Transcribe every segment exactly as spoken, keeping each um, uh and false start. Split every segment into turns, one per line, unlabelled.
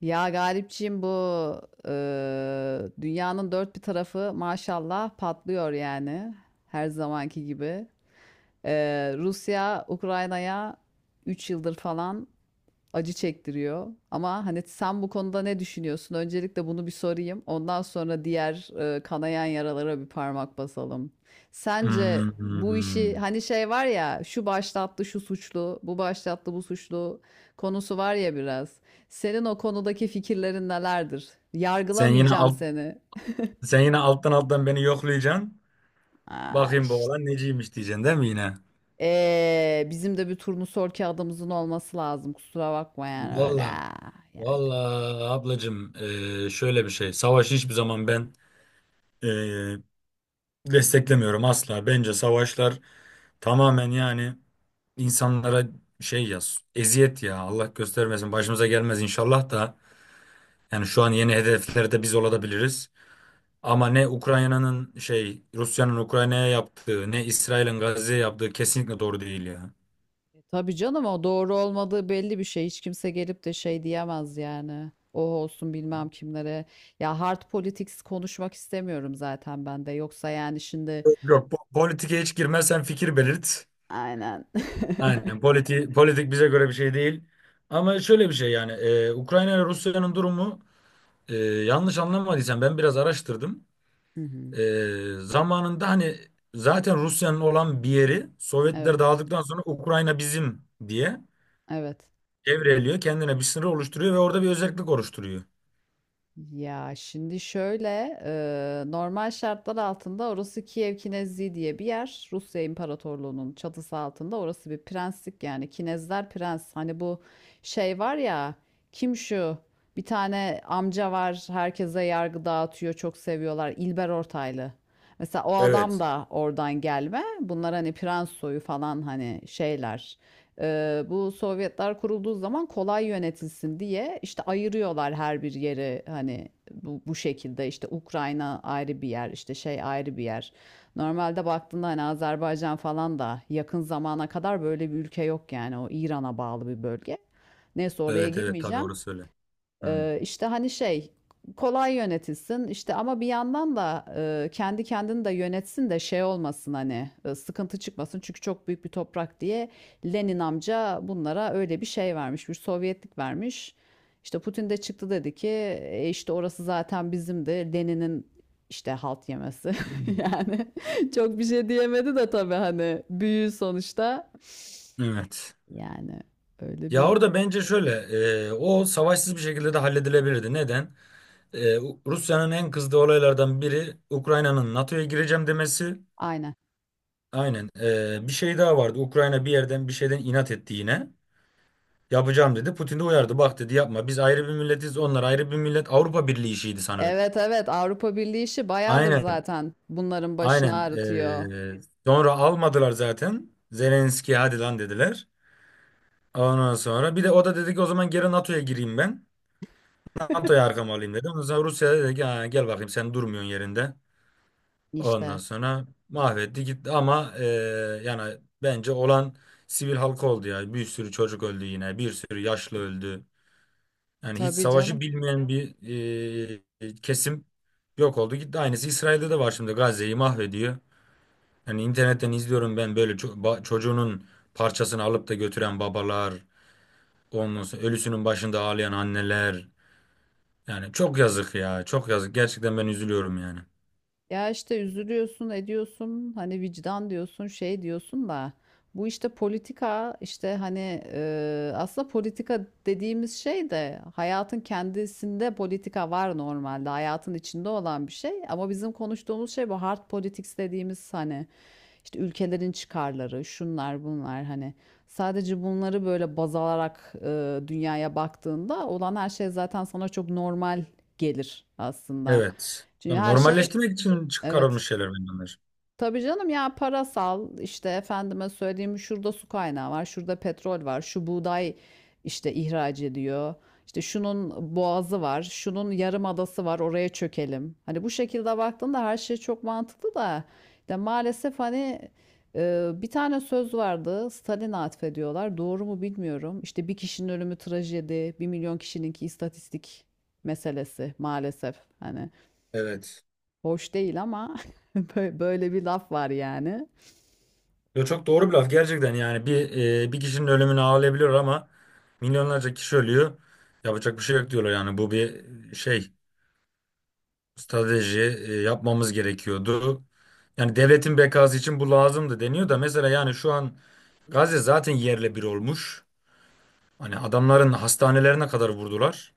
Ya Galipciğim, bu eee, dünyanın dört bir tarafı maşallah patlıyor yani, her zamanki gibi. Eee, Rusya Ukrayna'ya üç yıldır falan acı çektiriyor. Ama hani sen bu konuda ne düşünüyorsun? Öncelikle bunu bir sorayım. Ondan sonra diğer e, kanayan yaralara bir parmak basalım. Sence bu işi,
Hmm.
hani şey var ya, şu başlattı şu suçlu, bu başlattı bu suçlu konusu var ya biraz. Senin o konudaki fikirlerin nelerdir?
Sen yine
Yargılamayacağım
alt
seni.
sen yine alttan alttan beni yoklayacaksın.
Aa,
Bakayım bu
işte.
oğlan neciymiş diyeceksin değil mi yine?
Ee, bizim de bir turnusol kağıdımızın olması lazım. Kusura bakma yani öyle.
Valla
Yani.
valla ablacığım eee, şöyle bir şey. Savaşı hiçbir zaman ben eee, desteklemiyorum asla. Bence savaşlar tamamen yani insanlara şey ya eziyet ya Allah göstermesin başımıza gelmez inşallah da yani şu an yeni hedeflerde biz olabiliriz. Ama ne Ukrayna'nın şey Rusya'nın Ukrayna'ya yaptığı ne İsrail'in Gazze'ye yaptığı kesinlikle doğru değil ya.
E, tabii canım, o doğru olmadığı belli bir şey. Hiç kimse gelip de şey diyemez yani. O olsun bilmem kimlere. Ya, hard politics konuşmak istemiyorum zaten ben de. Yoksa yani şimdi
Yok po- politike hiç girme sen fikir belirt.
aynen.
Aynen politi politik bize göre bir şey değil. Ama şöyle bir şey yani e, Ukrayna ile Rusya'nın durumu e, yanlış anlamadıysam ben biraz araştırdım.
Hı hı.
E, zamanında hani zaten Rusya'nın olan bir yeri Sovyetler
Evet.
dağıldıktan sonra Ukrayna bizim diye
Evet.
devreliyor. Kendine bir sınır oluşturuyor ve orada bir özellik oluşturuyor.
Ya şimdi şöyle, e, normal şartlar altında orası Kiev Kinezliği diye bir yer. Rusya İmparatorluğu'nun çatısı altında orası bir prenslik yani. Kinezler prens. Hani bu şey var ya, kim şu? Bir tane amca var, herkese yargı dağıtıyor, çok seviyorlar. İlber Ortaylı. Mesela o adam
Evet.
da oradan gelme. Bunlar hani prens soyu falan, hani şeyler. Ee, bu Sovyetler kurulduğu zaman kolay yönetilsin diye işte ayırıyorlar her bir yeri, hani bu, bu şekilde. İşte Ukrayna ayrı bir yer, işte şey ayrı bir yer. Normalde baktığında hani Azerbaycan falan da yakın zamana kadar böyle bir ülke yok yani, o İran'a bağlı bir bölge. Neyse, oraya
Evet evet tabii
girmeyeceğim.
orası öyle. Hmm.
Ee, işte hani şey, kolay yönetilsin işte, ama bir yandan da e, kendi kendini de yönetsin de şey olmasın, hani e, sıkıntı çıkmasın, çünkü çok büyük bir toprak diye Lenin amca bunlara öyle bir şey vermiş, bir Sovyetlik vermiş. İşte Putin de çıktı, dedi ki: "E, işte orası zaten bizimdi, Lenin'in işte halt yemesi." Yani çok bir şey diyemedi de tabii, hani büyü sonuçta
Evet.
yani, öyle
Ya
bir...
orada bence şöyle e, o savaşsız bir şekilde de halledilebilirdi. Neden? E, U- Rusya'nın en kızdığı olaylardan biri Ukrayna'nın N A T O'ya gireceğim demesi.
Aynen.
Aynen. E, bir şey daha vardı. Ukrayna bir yerden bir şeyden inat etti yine. Yapacağım dedi. Putin de uyardı. Bak dedi yapma. Biz ayrı bir milletiz. Onlar ayrı bir millet. Avrupa Birliği işiydi sanırım.
Evet evet, Avrupa Birliği işi bayağıdır
Aynen.
zaten, bunların başını
Aynen.
ağrıtıyor.
E, sonra almadılar zaten. Zelenski hadi lan dediler. Ondan sonra bir de o da dedi ki o zaman geri N A T O'ya gireyim ben. N A T O'ya arkama alayım dedi. Ondan sonra Rusya dedi ki "Ha, gel bakayım sen durmuyorsun yerinde. Ondan
İşte,
sonra mahvetti gitti ama e, yani bence olan sivil halka oldu ya. Bir sürü çocuk öldü yine. Bir sürü yaşlı öldü. Yani hiç
tabii canım.
savaşı bilmeyen bir e, kesim yok oldu gitti. Aynısı İsrail'de de var şimdi Gazze'yi mahvediyor. Yani internetten izliyorum ben böyle ço- ba- çocuğunun parçasını alıp da götüren babalar, ondan sonra ölüsünün başında ağlayan anneler. Yani çok yazık ya. Çok yazık. Gerçekten ben üzülüyorum yani.
Ya, işte üzülüyorsun, ediyorsun, hani vicdan diyorsun, şey diyorsun da bu işte politika, işte hani, e, aslında politika dediğimiz şey de hayatın kendisinde, politika var normalde, hayatın içinde olan bir şey, ama bizim konuştuğumuz şey bu hard politics dediğimiz, hani işte ülkelerin çıkarları, şunlar bunlar, hani sadece bunları böyle baz alarak e, dünyaya baktığında olan her şey zaten sana çok normal gelir aslında.
Evet.
Çünkü
Tabii
her şey...
normalleştirmek için
Evet.
çıkarılmış şeyler bunlar.
Tabii canım, ya parasal, işte efendime söyleyeyim, şurada su kaynağı var, şurada petrol var, şu buğday işte ihraç ediyor. İşte şunun boğazı var, şunun yarım adası var, oraya çökelim. Hani bu şekilde baktığında her şey çok mantıklı da işte, maalesef hani, e, bir tane söz vardı, Stalin'e atfediyorlar. Doğru mu bilmiyorum. İşte, bir kişinin ölümü trajedi, bir milyon kişininki istatistik meselesi, maalesef. Hani,
Evet.
hoş değil ama bö- böyle bir laf var yani.
Yo, çok doğru bir laf gerçekten yani bir e, bir kişinin ölümünü ağlayabiliyor ama milyonlarca kişi ölüyor. Yapacak bir şey yok diyorlar yani bu bir şey strateji e, yapmamız gerekiyordu. Yani devletin bekası için bu lazımdı deniyor da mesela yani şu an Gazze zaten yerle bir olmuş. Hani adamların hastanelerine kadar vurdular.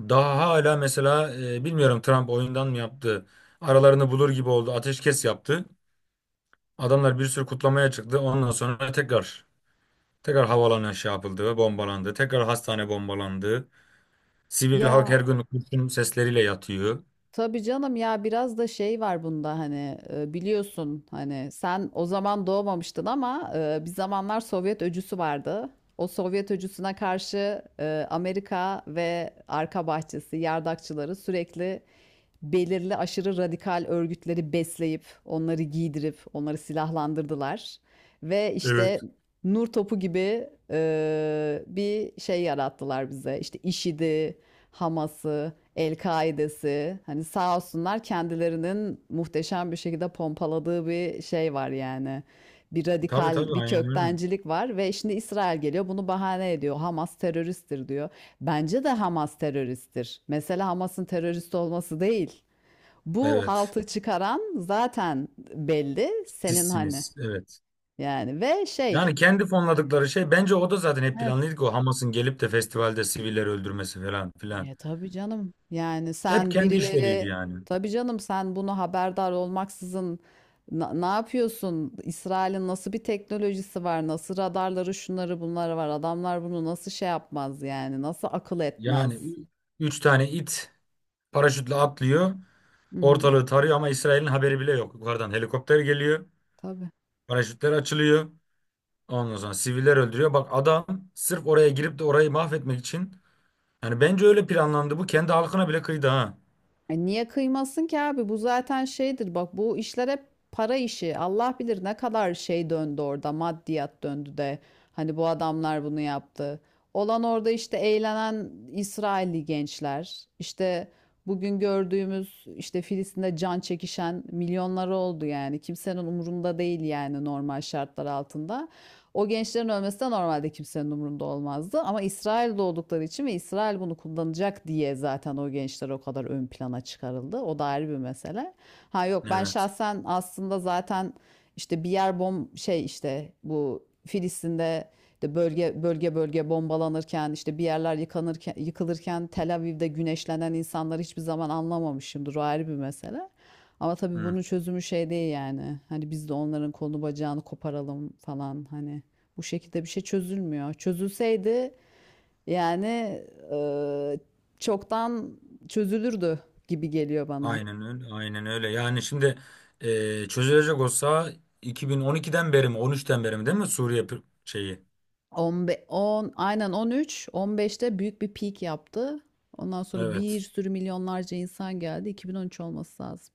Daha hala mesela e, bilmiyorum Trump oyundan mı yaptı? Aralarını bulur gibi oldu. Ateşkes yaptı. Adamlar bir sürü kutlamaya çıktı. Ondan sonra tekrar tekrar havaalanı şey yapıldı, ve bombalandı. Tekrar hastane bombalandı. Sivil halk
Ya
her gün kurşun sesleriyle yatıyor.
tabii canım, ya biraz da şey var bunda, hani e, biliyorsun, hani sen o zaman doğmamıştın, ama e, bir zamanlar Sovyet öcüsü vardı. O Sovyet öcüsüne karşı e, Amerika ve arka bahçesi yardakçıları sürekli belirli aşırı radikal örgütleri besleyip, onları giydirip, onları silahlandırdılar. Ve
Evet.
işte nur topu gibi e, bir şey yarattılar bize. İşte IŞİD'i, Hamas'ı, El-Kaide'si. Hani sağ olsunlar, kendilerinin muhteşem bir şekilde pompaladığı bir şey var yani. Bir
Tabii tabii
radikal, bir
aynen öyle.
köktencilik var ve şimdi İsrail geliyor, bunu bahane ediyor. Hamas teröristtir diyor. Bence de Hamas teröristtir. Mesela Hamas'ın terörist olması değil, bu
Evet.
haltı çıkaran zaten belli, senin hani.
Sizsiniz. Evet.
Yani ve şey,
Yani kendi fonladıkları şey bence o da zaten hep
evet.
planlıydı ki o Hamas'ın gelip de festivalde sivilleri öldürmesi falan filan.
E, tabii canım, yani
Hep
sen
kendi işleriydi
birileri...
yani.
Tabii canım, sen bunu haberdar olmaksızın na- ne yapıyorsun? İsrail'in nasıl bir teknolojisi var? Nasıl radarları, şunları bunları var? Adamlar bunu nasıl şey yapmaz yani? Nasıl akıl
Yani
etmez?
ü- üç tane it paraşütle atlıyor.
Hı hı,
Ortalığı tarıyor ama İsrail'in haberi bile yok. Yukarıdan helikopter geliyor.
tabii.
Paraşütler açılıyor. Ondan sonra siviller öldürüyor. Bak adam sırf oraya girip de orayı mahvetmek için. Yani bence öyle planlandı. Bu kendi halkına bile kıydı ha.
E, niye kıymasın ki abi? Bu zaten şeydir. Bak, bu işler hep para işi. Allah bilir ne kadar şey döndü orada. Maddiyat döndü de. Hani, bu adamlar bunu yaptı. Olan orada işte eğlenen İsrailli gençler. İşte bugün gördüğümüz işte Filistin'de can çekişen milyonları oldu yani. Kimsenin umurunda değil yani, normal şartlar altında. O gençlerin ölmesi de normalde kimsenin umurunda olmazdı. Ama İsrail'de oldukları için ve İsrail bunu kullanacak diye zaten o gençler o kadar ön plana çıkarıldı. O da ayrı bir mesele. Ha yok, ben
Evet.
şahsen aslında zaten işte, bir yer bom şey, işte bu Filistin'de, işte bölge bölge bölge bombalanırken, işte bir yerler yıkanırken, yıkılırken, Tel Aviv'de güneşlenen insanları hiçbir zaman anlamamışımdır. O ayrı bir mesele. Ama tabii
Hı.
bunun çözümü şey değil yani. Hani biz de onların kolunu bacağını koparalım falan, hani. Bu şekilde bir şey çözülmüyor. Çözülseydi yani, e, çoktan çözülürdü gibi geliyor bana.
Aynen öyle. Aynen öyle. Yani şimdi e, çözülecek olsa iki bin on ikiden beri mi on üçten beri mi değil mi Suriye pr- şeyi?
on beş, on, aynen on üç, on beşte büyük bir peak yaptı. Ondan sonra bir
Evet.
sürü milyonlarca insan geldi. iki bin on üç olması lazım.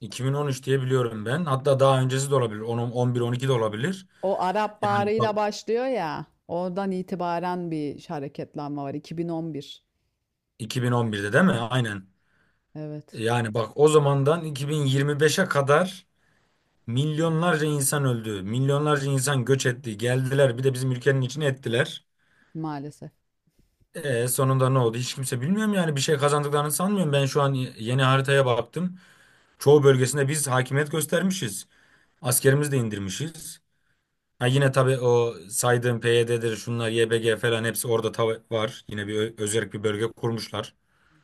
iki bin on üç diye biliyorum ben. Hatta daha öncesi de olabilir. on, on bir, on iki de olabilir.
O Arap
Yani
Baharı'yla
bak
başlıyor ya. Oradan itibaren bir hareketlenme var. iki bin on bir.
iki bin on birde değil mi? Aynen.
Evet,
Yani bak o zamandan iki bin yirmi beşe kadar milyonlarca insan öldü. Milyonlarca insan göç etti. Geldiler bir de bizim ülkenin içine ettiler.
maalesef.
E, sonunda ne oldu? Hiç kimse bilmiyorum yani bir şey kazandıklarını sanmıyorum. Ben şu an yeni haritaya baktım. Çoğu bölgesinde biz hakimiyet göstermişiz. Askerimizi de indirmişiz. Ha yine tabii o saydığım P Y D'dir, şunlar Y P G falan hepsi orada tav- var. Yine bir ö- özerk bir bölge kurmuşlar.
Var.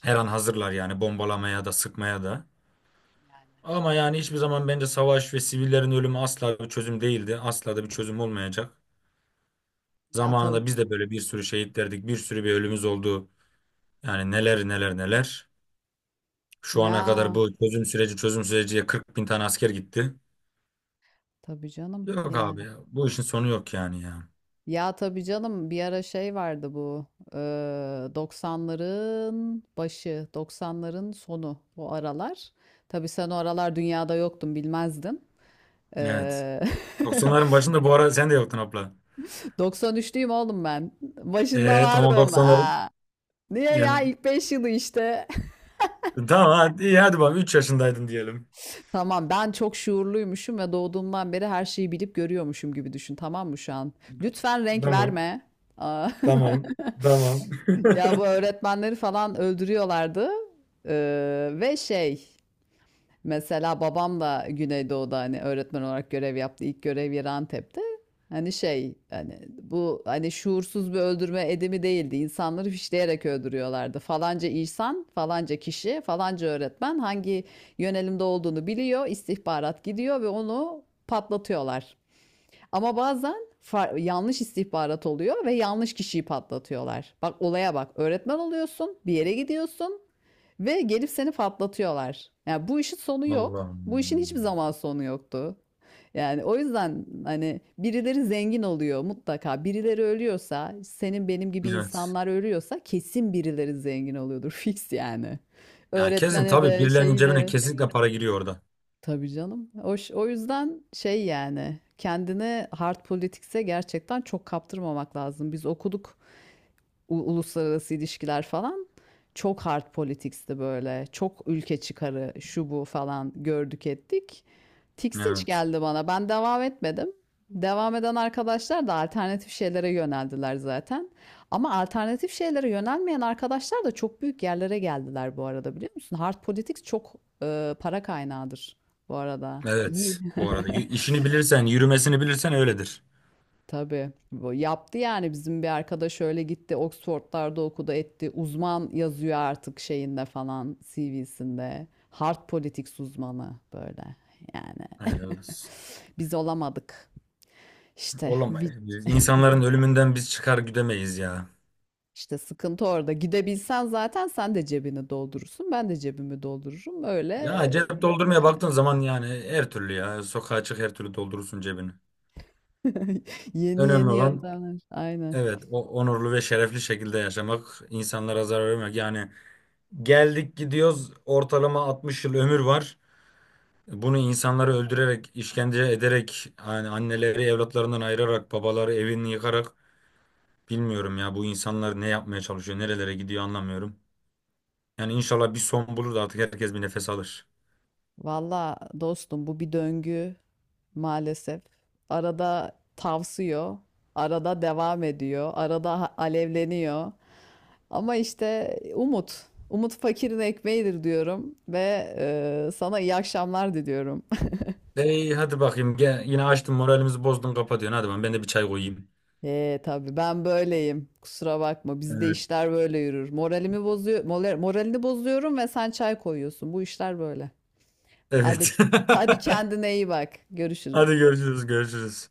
Her an hazırlar yani bombalamaya da sıkmaya da.
Yani.
Ama yani hiçbir zaman bence savaş ve sivillerin ölümü asla bir çözüm değildi. Asla da bir çözüm olmayacak.
Ya tabii.
Zamanında biz de böyle bir sürü şehit verdik, bir sürü bir ölümümüz oldu. Yani neler neler neler. Şu ana kadar
Ya
bu çözüm süreci çözüm süreciye kırk bin tane asker gitti.
tabii canım
Yok abi
yani.
ya. Bu işin sonu yok yani ya.
Ya tabii canım, bir ara şey vardı bu eee, doksanların başı, doksanların sonu, o aralar. Tabii sen o aralar dünyada yoktun, bilmezdin.
Evet.
Eee
Doksanların başında bu ara sen de yoktun abla.
doksan üçlüyüm oğlum ben. Başında
Eee tamam
vardım.
doksanların
Aa. Niye ya,
yani
ilk beş yılı işte.
tamam hadi, iyi, hadi bak üç yaşındaydın diyelim.
Tamam, ben çok şuurluymuşum ve doğduğumdan beri her şeyi bilip görüyormuşum gibi düşün, tamam mı şu an? Lütfen renk
Tamam.
verme. Aa.
Tamam. Tamam.
Ya, bu öğretmenleri falan öldürüyorlardı. Ee, ve şey... Mesela babam da Güneydoğu'da hani öğretmen olarak görev yaptı. İlk görev yeri Antep'te. Hani şey, hani bu, hani şuursuz bir öldürme edimi değildi. İnsanları fişleyerek öldürüyorlardı. Falanca insan, falanca kişi, falanca öğretmen hangi yönelimde olduğunu biliyor. İstihbarat gidiyor ve onu patlatıyorlar. Ama bazen yanlış istihbarat oluyor ve yanlış kişiyi patlatıyorlar. Bak olaya bak. Öğretmen oluyorsun, bir yere gidiyorsun ve gelip seni patlatıyorlar. Yani bu işin sonu yok. Bu işin hiçbir
Allah'ım.
zaman sonu yoktu. Yani o yüzden hani birileri zengin oluyor mutlaka. Birileri ölüyorsa, senin benim gibi
Evet.
insanlar ölüyorsa, kesin birileri zengin oluyordur fix yani.
Yani kesin
Öğretmene
tabii
de,
birilerinin
şeyi
cebine
de...
kesinlikle para giriyor orada.
Tabii canım. O, ş- o yüzden şey, yani kendini hard politics'e gerçekten çok kaptırmamak lazım. Biz okuduk u- uluslararası ilişkiler falan. Çok hard politics'ti böyle. Çok ülke çıkarı, şu bu falan, gördük ettik. Tiksinç
Evet.
geldi bana. Ben devam etmedim. Devam eden arkadaşlar da alternatif şeylere yöneldiler zaten. Ama alternatif şeylere yönelmeyen arkadaşlar da çok büyük yerlere geldiler bu arada, biliyor musun? Hard Politics çok e, para kaynağıdır bu arada. İyi.
Evet bu arada. Y- işini bilirsen, yürümesini bilirsen öyledir.
Tabii. Bu yaptı yani, bizim bir arkadaş öyle gitti, Oxford'larda okudu etti. Uzman yazıyor artık şeyinde falan, C V'sinde. Hard Politics uzmanı böyle yani.
Helal olsun.
Biz olamadık. İşte vi-
Olamayız. Biz insanların ölümünden biz çıkar güdemeyiz ya.
işte sıkıntı orada. Gidebilsen zaten sen de cebini doldurursun, ben de cebimi doldururum. Öyle
Ya
e,
cep doldurmaya
yani,
baktığın zaman yani her türlü ya. Sokağa çık her türlü doldurursun cebini.
yeni
Önemli
yeni
olan
yöntemler. Aynen.
evet o onurlu ve şerefli şekilde yaşamak, insanlara zarar vermek. Yani geldik gidiyoruz ortalama altmış yıl ömür var. Bunu insanları öldürerek, işkence ederek, yani anneleri evlatlarından ayırarak, babaları evini yıkarak bilmiyorum ya bu insanlar ne yapmaya çalışıyor, nerelere gidiyor anlamıyorum. Yani inşallah bir son bulur da artık herkes bir nefes alır.
Valla dostum, bu bir döngü maalesef. Arada tavsıyor, arada devam ediyor, arada ha- alevleniyor. Ama işte umut. Umut fakirin ekmeğidir diyorum ve e, sana iyi akşamlar diliyorum.
Ey hadi bakayım gel, yine açtın moralimizi bozdun kapatıyorsun. Hadi ben, ben de bir çay koyayım.
Ee, tabii, ben böyleyim. Kusura bakma. Bizde
Evet.
işler böyle yürür. Moralimi bozuyor, moral- moralini bozuyorum ve sen çay koyuyorsun. Bu işler böyle. Hadi,
Evet.
hadi kendine iyi bak.
Hadi
Görüşürüz.
görüşürüz görüşürüz.